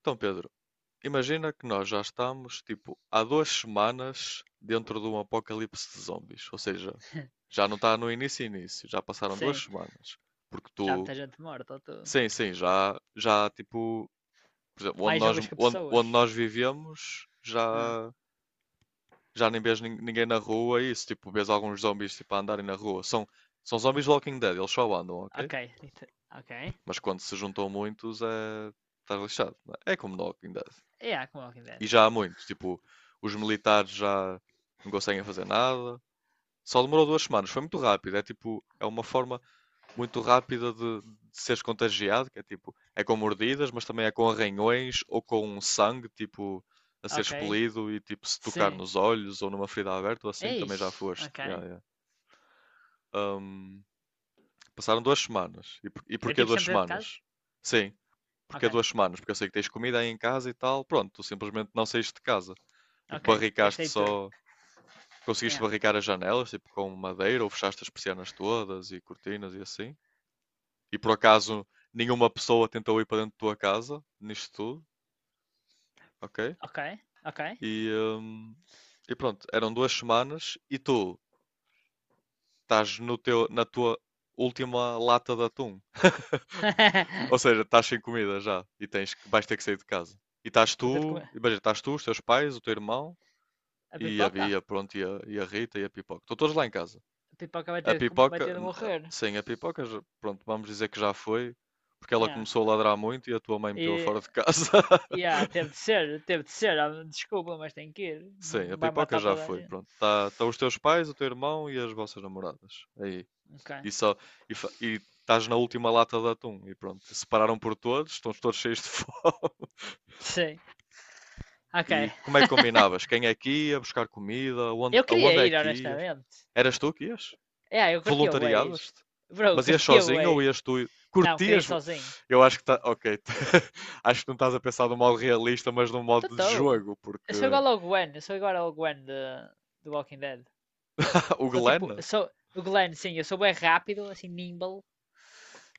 Então, Pedro, imagina que nós já estamos, tipo, há duas semanas dentro de um apocalipse de zombies. Ou seja, já não está no início início, já passaram duas Sim, semanas. Porque já há tu, muita gente morta. Sim, sim, já, tipo, por exemplo, onde Mais nós, zombies que onde pessoas. nós vivemos, Ah, já, já nem vês ninguém na rua e isso, tipo, vês alguns zombies, tipo, a andarem na rua. São, são zombies Walking Dead, eles só andam, ok? ok. Então, ok. Mas quando se juntam muitos, é... Estás lixado, não é? É como no Walking Dead. É, yeah, como Walking Dead. E já há muito. Tipo, os militares já não conseguem fazer nada. Só demorou duas semanas. Foi muito rápido. É tipo, é uma forma muito rápida de seres contagiado, que é tipo, é com mordidas, mas também é com arranhões ou com um sangue, tipo, a ser Ok. expelido e tipo, se tocar Sim. nos olhos ou numa ferida aberta ou assim, também já Ixi, foste. ok. Yeah, yeah. Um, Passaram duas semanas. E, e É porquê tipo duas sempre dentro de casa? semanas? Sim, porquê Ok. duas semanas? Porque eu sei que tens comida aí em casa e tal. Pronto, tu simplesmente não saíste de casa. Tipo, Ok. barricaste Gastei tudo. só. Conseguiste Yeah. barricar as janelas, tipo, com madeira, ou fechaste as persianas todas e cortinas e assim? E por acaso nenhuma pessoa tentou ir para dentro da tua casa, nisto tudo, ok? Ok. Ok. E, hum, e pronto, eram duas semanas e tu estás no teu, na tua última lata de atum. Ou seja, estás sem comida já e tens que, vais ter que sair de casa. E estás Vou ter de tu, comer. imagina, estás tu, os teus pais, o teu irmão A e a pipoca? Bia, pronto, e a Rita e a Pipoca. Estão todos lá em casa. A pipoca vai A ter de, vai pipoca, ter de morrer. sim, a pipoca, pronto, vamos dizer que já foi, porque ela Yeah. começou a ladrar muito e a tua mãe meteu-a E. fora de casa. Yeah, teve de ser, teve de S- ser, ah, desculpa, mas tem que ir. Sim, Não a vai pipoca matar já toda a foi, gente. pronto. Tá, tá os teus pais, o teu irmão e as vossas namoradas. Aí. Ok. E só, e, e estás na última lata de atum e pronto. Separaram por todos, estão todos cheios de fome. Sim. Ok. E como é que combinavas? Quem é que ia buscar comida? Eu queria Aonde é ir, que ias? honestamente. Eras tu que ias? Yeah, eu curtia o Wade. Voluntariavas-te? Bro, eu Mas ias curtia o sozinho ou Wade. ias tu? Não, queria ir Curtias? sozinho. Eu acho que tá. Ok. Acho que não estás a pensar de um modo realista, mas num modo de Totó. jogo, Eu porque. sou igual ao Gwen. Eu sou igual ao Gwen de Walking Dead. O Sou tipo. Glenn? Sou, o Glenn, sim, eu sou bem rápido, assim, nimble.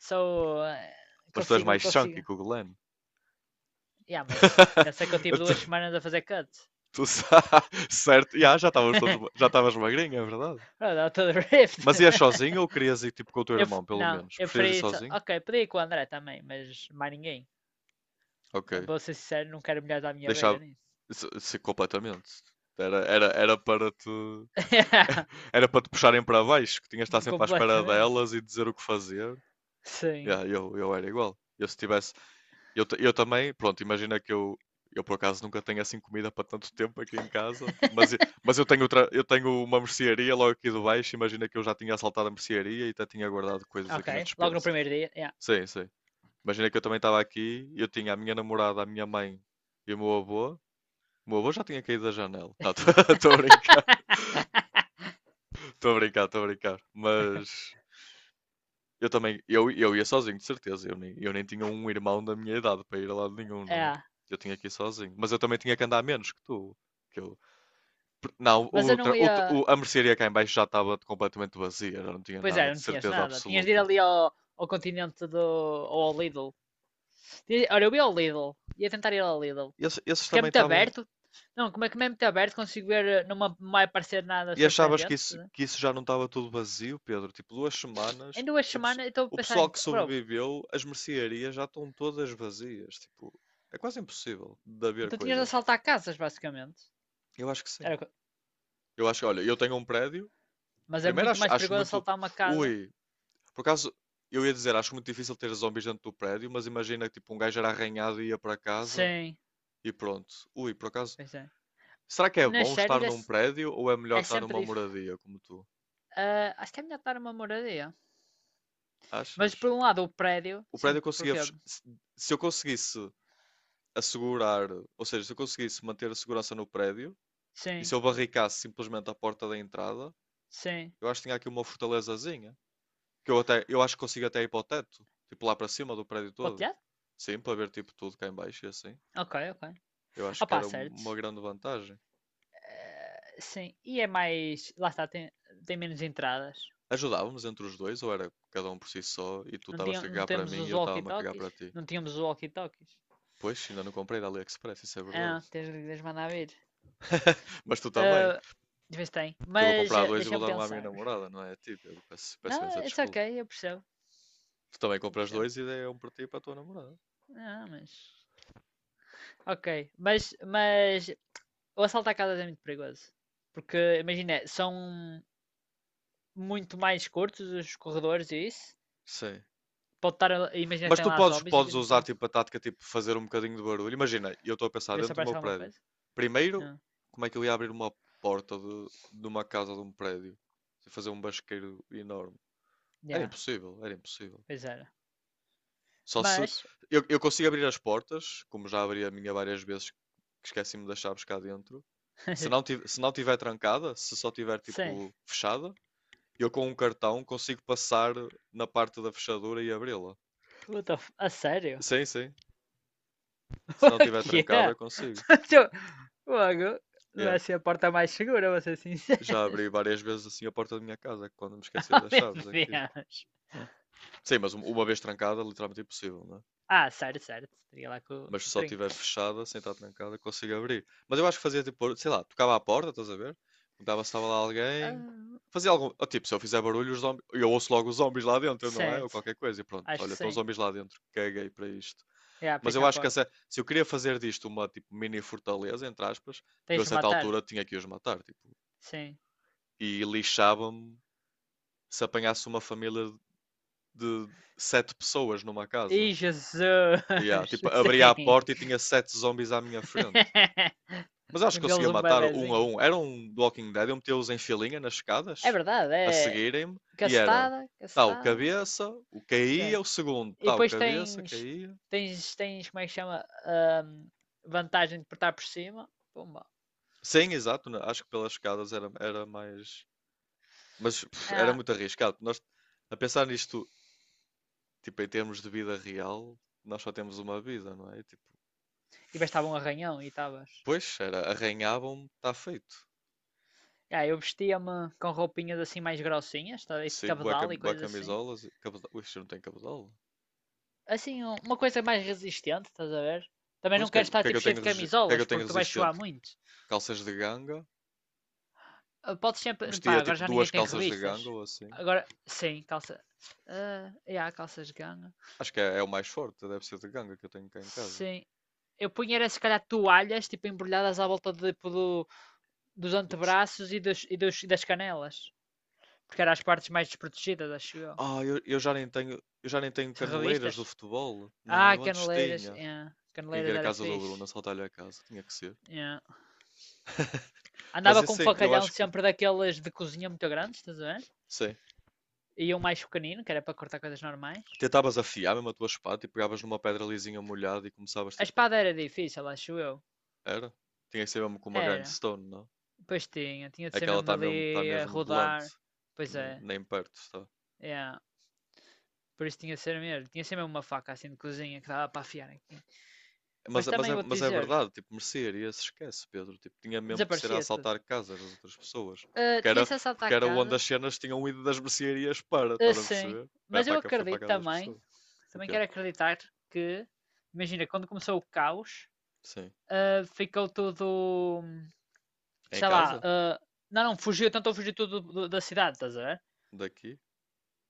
Sou. Mas tu és Consigo, mais consigo. chunky que o Glenn. Yeah, mas pensa que eu tive tu, 2 semanas a fazer cut. tu sa- Certo. Ya, já estavas todos. Já estavas magrinho, é verdade. Bro, dá todo rift. Mas ias sozinho ou querias ir tipo com o teu Eu, irmão, pelo não, menos? eu Preferias ir preferi. sozinho? Ok, podia ir com o André também, mas mais ninguém. Eh, Ok. vou ser sincero, não quero mulheres à minha beira Deixava. nisso. Se completamente. Era para te. Era para te puxarem para baixo, que tinhas de estar sempre à espera Completamente. delas e dizer o que fazer. Sim. Yeah, eu era igual. Eu se tivesse. Eu também, pronto, imagina que eu. Eu por acaso nunca tenho assim comida para tanto tempo aqui em casa, mas, mas eu tenho outra, eu tenho uma mercearia logo aqui de baixo. Imagina que eu já tinha assaltado a mercearia e até tinha guardado coisas Ok. aqui na Logo no despensa. primeiro dia. Yeah. Sim, sim. Imagina que eu também estava aqui, eu tinha a minha namorada, a minha mãe e o meu avô já tinha caído da janela. Não, estou a brincar, estou a brincar. Mas eu também, eu ia sozinho, de certeza. Eu nem tinha um irmão da minha idade para ir a lado nenhum, não é? É. Eu tinha que ir sozinho. Mas eu também tinha que andar menos que tu. Que eu... Não, Mas eu o, não tra- ia. o- a mercearia cá em baixo já estava completamente vazia, já não tinha Pois é, nada, de não tinhas certeza nada. Tinhas de ir absoluta. ali ao Continente, do. Ou ao Lidl. Olha, eu ia ao Lidl. Ia tentar ir ao Lidl. Esses Porque é também muito estavam. aberto. Não, como é que é muito aberto? Consigo ver. Não me não vai parecer nada E achavas surpreendente, estás a ver? que isso já não estava tudo vazio, Pedro? Tipo, duas Em semanas, duas o, pesso- semanas eu estou a o pensar pessoal em. que Bro, sobreviveu, as mercearias já estão todas vazias. Tipo, é quase impossível de haver então tinhas de coisas. assaltar casas, basicamente. Eu acho que sim. Era o que- Eu acho que, olha, eu tenho um prédio. Mas é Primeiro muito mais acho perigoso muito. assaltar uma casa. Ui, por acaso, eu ia dizer, acho muito difícil ter zombies dentro do prédio, mas imagina que tipo, um gajo era arranhado e ia para casa Sim, e pronto. Ui, por acaso. pois é. Será que é Nas bom séries estar num prédio ou é melhor é estar sempre. numa moradia como tu? Ah, acho que é melhor estar numa moradia. Mas Achas? por um lado o prédio, O prédio sim, conseguia. porque. Se se eu conseguisse assegurar, ou seja, se eu conseguisse manter a segurança no prédio e Sim, se eu barricasse simplesmente a porta da entrada, sim. eu acho que tinha aqui uma fortalezazinha. Que eu até, eu acho que consigo até ir para o teto, tipo lá para cima do prédio Para o todo. telhado? Sim, para ver tipo tudo cá em baixo e assim. Ok, ok. Eu acho que Opa, era certo. uma grande vantagem. Sim. E é mais. Lá está, tem menos entradas. Ajudávamos entre os dois, ou era cada um por si só, e tu Não, tinha, estavas-te a não cagar para temos mim e os eu estava-me a cagar para walkie-talkies? ti? Não tínhamos os walkie-talkies. Pois, ainda não comprei da AliExpress, isso é verdade. Ah, tens de lhes mandar vir. Mas tu também. Ah, de vez tem. Porque eu vou Mas comprar ah, dois e vou deixa-me dar um à minha pensar. namorada, não é? Tipo, eu peço, peço imensa Não, it's desculpa. ok, eu percebo. Tu também Eu compras percebo. dois e dei um para ti e para a tua namorada. Não, mas. Ok. Mas o assalto à casa é muito perigoso. Porque, imagina, são muito mais curtos os corredores e isso. Sim. Pode estar, imagina que Mas tem tu lá podes, zombies e podes usar então tipo a tática tipo fazer um bocadinho de barulho. Imagina, eu estou a pensar e ver se dentro do meu aparece alguma prédio. coisa. Primeiro, Ah, como é que eu ia abrir uma porta de uma casa de um prédio? Se fazer um basqueiro enorme. Yeah, Era impossível. pois era. Só se Mas, eu, eu consigo abrir as portas, como já abri a minha várias vezes, que esqueci-me das chaves cá dentro. Se não tiver trancada, se só tiver sim. tipo fechada, eu com um cartão consigo passar na parte da fechadura e abri-la. What the f- A sério? Sim, sim. Se não O tiver que trancada, é? consigo. Logo, não é Yeah. assim a porta mais segura, vou ser sincero. Já abri várias vezes assim a porta da minha casa, quando me esquecia Oh, das meu chaves aqui. Deus. Sim, mas uma vez trancada, literalmente impossível, né? Ah, certo, certo. Teria lá com, Mas se com o só trinco. estiver fechada, sem estar trancada, consigo abrir. Mas eu acho que fazia tipo, sei lá, tocava à porta, estás a ver? Perguntava se estava lá alguém. Ah, Fazia algum. Ou, tipo, se eu fizer barulho, eu ouço logo os zombies lá dentro, não é? Ou certo, qualquer coisa. E pronto, acho que olha, estão os sim. zombies lá dentro, caguei para isto. Yeah, Mas fecha eu a acho que porta. Se eu queria fazer disto uma tipo mini fortaleza, entre aspas, eu a Tens de certa matar? altura tinha que os matar, tipo, Sim. e lixava-me se apanhasse uma família de sete pessoas numa casa. Ih, Jesus! E ah, tipo, abria a Sim. porta e tinha sete zombies à minha frente. Mas E acho um que deles conseguia um matar um a bebezinho. um. Era um do Walking Dead, eu metia-os em filinha nas É escadas, verdade, a é seguirem-me, e era castada, tal castada. cabeça, o Mas caía, é. o segundo E tal depois cabeça, tens, caía. tens, tens como é que chama? Vantagem de portar por cima. Pumba. Sim, exato, acho que pelas escadas era mais. Mas pff, era Ah, muito arriscado. Nós, a pensar nisto, tipo, em termos de vida real, nós só temos uma vida, não é? Tipo, e bastava um arranhão e estavas. pois, era, arranhavam-me, está feito. Ah, eu vestia-me com roupinhas assim mais grossinhas, tá? E de Sei, cabedal e bué coisas assim. camisolas, e Ui, isto não tem camisola. Assim, uma coisa mais resistente, estás a ver? Também Pois, não queres o estar que é que tipo eu cheio tenho, de o que é que eu camisolas, tenho porque tu vais suar resistente? muito. Calças de ganga. Ah, podes sempre. Pá, Vestia agora tipo já ninguém duas tem calças de ganga revistas. ou assim. Agora, sim, calça. Ah, yeah, calças de ganga. Acho que é, é o mais forte, deve ser de ganga que eu tenho cá em casa. Sim. Eu punha era se calhar toalhas, tipo, embrulhadas à volta tipo, dos Do pes- antebraços e e das canelas. Porque eram as partes mais desprotegidas, acho eu. Ah, eu já nem tenho, eu já nem tenho caneleiras do Revistas? futebol. Não, Ah, eu antes caneleiras. tinha. Yeah. Quem Caneleiras quer a era casa do Bruno, fixe. assaltar-lhe a casa, tinha que ser. Yeah. Mas Andava e com um assim, facalhão sempre daqueles de cozinha muito grandes, estás a ver? sim, E um mais pequenino, que era para cortar coisas normais. tentavas afiar mesmo a tua espada e pegavas numa pedra lisinha molhada e começavas A tipo, espada era difícil, acho eu. era? Tinha que ser mesmo com uma Era. grindstone, não? Pois tinha de É ser que ela mesmo está dali mesmo, tá a mesmo blunt, rodar. Pois é, nem, nem perto está. yeah. Por isso tinha de ser mesmo. Tinha de ser mesmo uma faca assim de cozinha que dava para afiar aqui. Mas, Mas também é, vou-te mas é dizer, verdade, tipo, mercearia se esquece, Pedro. Tipo, tinha mesmo que ser a desaparecia tudo. assaltar casas das outras pessoas. Ah, Porque era, tinha-se as porque era onde as atacadas? cenas tinham ido das mercearias para, Ah, estás a sim. perceber? Era Mas eu para, foi para a acredito casa das também, pessoas. O também quê? quero acreditar que, imagina, quando começou o caos, Sim. ah, ficou tudo, É Em sei lá, casa? ah, não, não, fugiu, tentou fugir tudo da cidade, estás a ver? Daqui?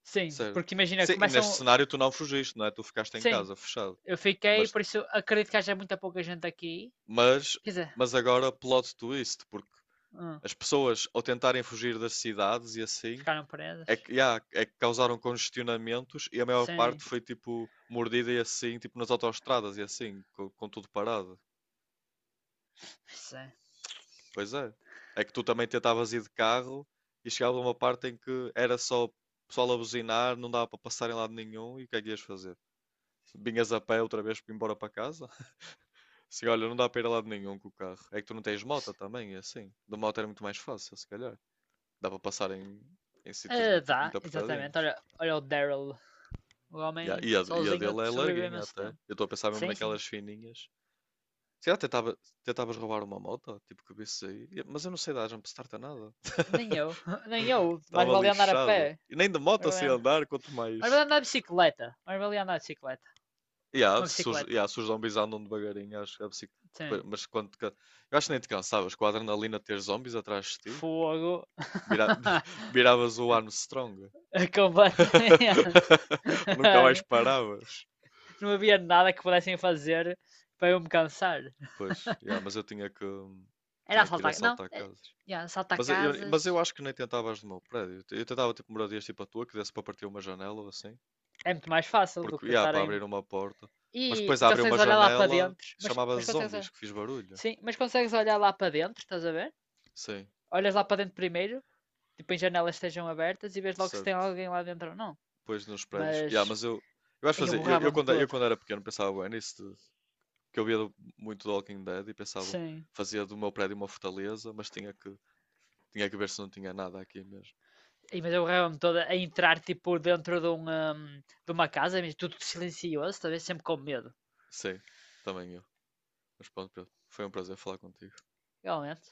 Sim, Certo. porque imagina, Sim, e neste começam, cenário tu não fugiste, não é? Tu ficaste em sim. casa, fechado. Eu fiquei, Mas, por isso acredito que haja muita pouca gente aqui. mas, Quer dizer, mas agora plot twist, porque hum, as pessoas ao tentarem fugir das cidades e assim, ficaram é presas. que, yeah, é que causaram congestionamentos e a maior Sim, parte foi tipo mordida e assim, tipo nas autoestradas e assim, com tudo parado. sim. Pois é. É que tu também tentavas ir de carro e chegava uma parte em que era só pessoal a buzinar, não dava para passar em lado nenhum e o que é que ias fazer? Vinhas a pé outra vez para ir embora para casa? Assim, olha, não dá para ir a lado nenhum com o carro. É que tu não tens moto também, e assim. De moto era muito mais fácil, se calhar. Dá para passar em, em sítios Ah, muito, dá, muito exatamente. apertadinhos. Olha, olha o Daryl, o Ya, homem e a sozinho dele é sobreviveu larguinha esse até. tempo. Eu estou a pensar mesmo Sim, sim. naquelas fininhas. Se calhar tentava, tentavas roubar uma moto, tipo que visse aí. E- mas eu não sei dar jump start a nada. Nem eu, nem eu. Mais Estava vale andar a lixado. pé. E nem de Mais moto vale sei andar, andar, quanto mais vale mais. andar de bicicleta. Mais vale andar de bicicleta. Uma bicicleta. Ya, se os zombies andam devagarinho, acho que Sim. mas quando. Eu acho que nem te cansavas com a adrenalina de ter zombies atrás de ti. Fogo. Vira... Viravas o Armstrong. Completamente. Nunca mais paravas. Não havia nada que pudessem fazer para eu me cansar. Pois, ya, mas Era tinha que ir assaltar. Não, assaltar é, casas. yeah, assaltar Mas mas eu casas acho que nem tentavas no meu prédio. Eu tentava tipo moradias tipo a tua, que desse para partir uma janela ou assim. é muito mais fácil do Porque, que yeah, para estarem. abrir uma porta. Mas E, depois e abre uma consegues olhar lá para janela, dentro. Mas, chamava mas consegues. zombies, que fiz barulho. Sim, mas consegues olhar lá para dentro, estás a ver? Sim, Olhas lá para dentro primeiro, tipo em janelas estejam abertas e vês logo se tem certo. alguém lá dentro ou não. Depois nos prédios. Yeah, Mas. mas eu acho Aí eu fazer. Borrava-me Eu todo. quando era pequeno pensava bem nisso, de- que eu via muito do Walking Dead e pensava, Sim. fazia do meu prédio uma fortaleza, mas tinha que ver se não tinha nada aqui mesmo. E, mas eu borrava-me toda a entrar tipo dentro de uma casa, mas tudo silencioso, talvez sempre com medo. Sim, também eu. Mas pronto, Pedro, foi um prazer falar contigo. Realmente.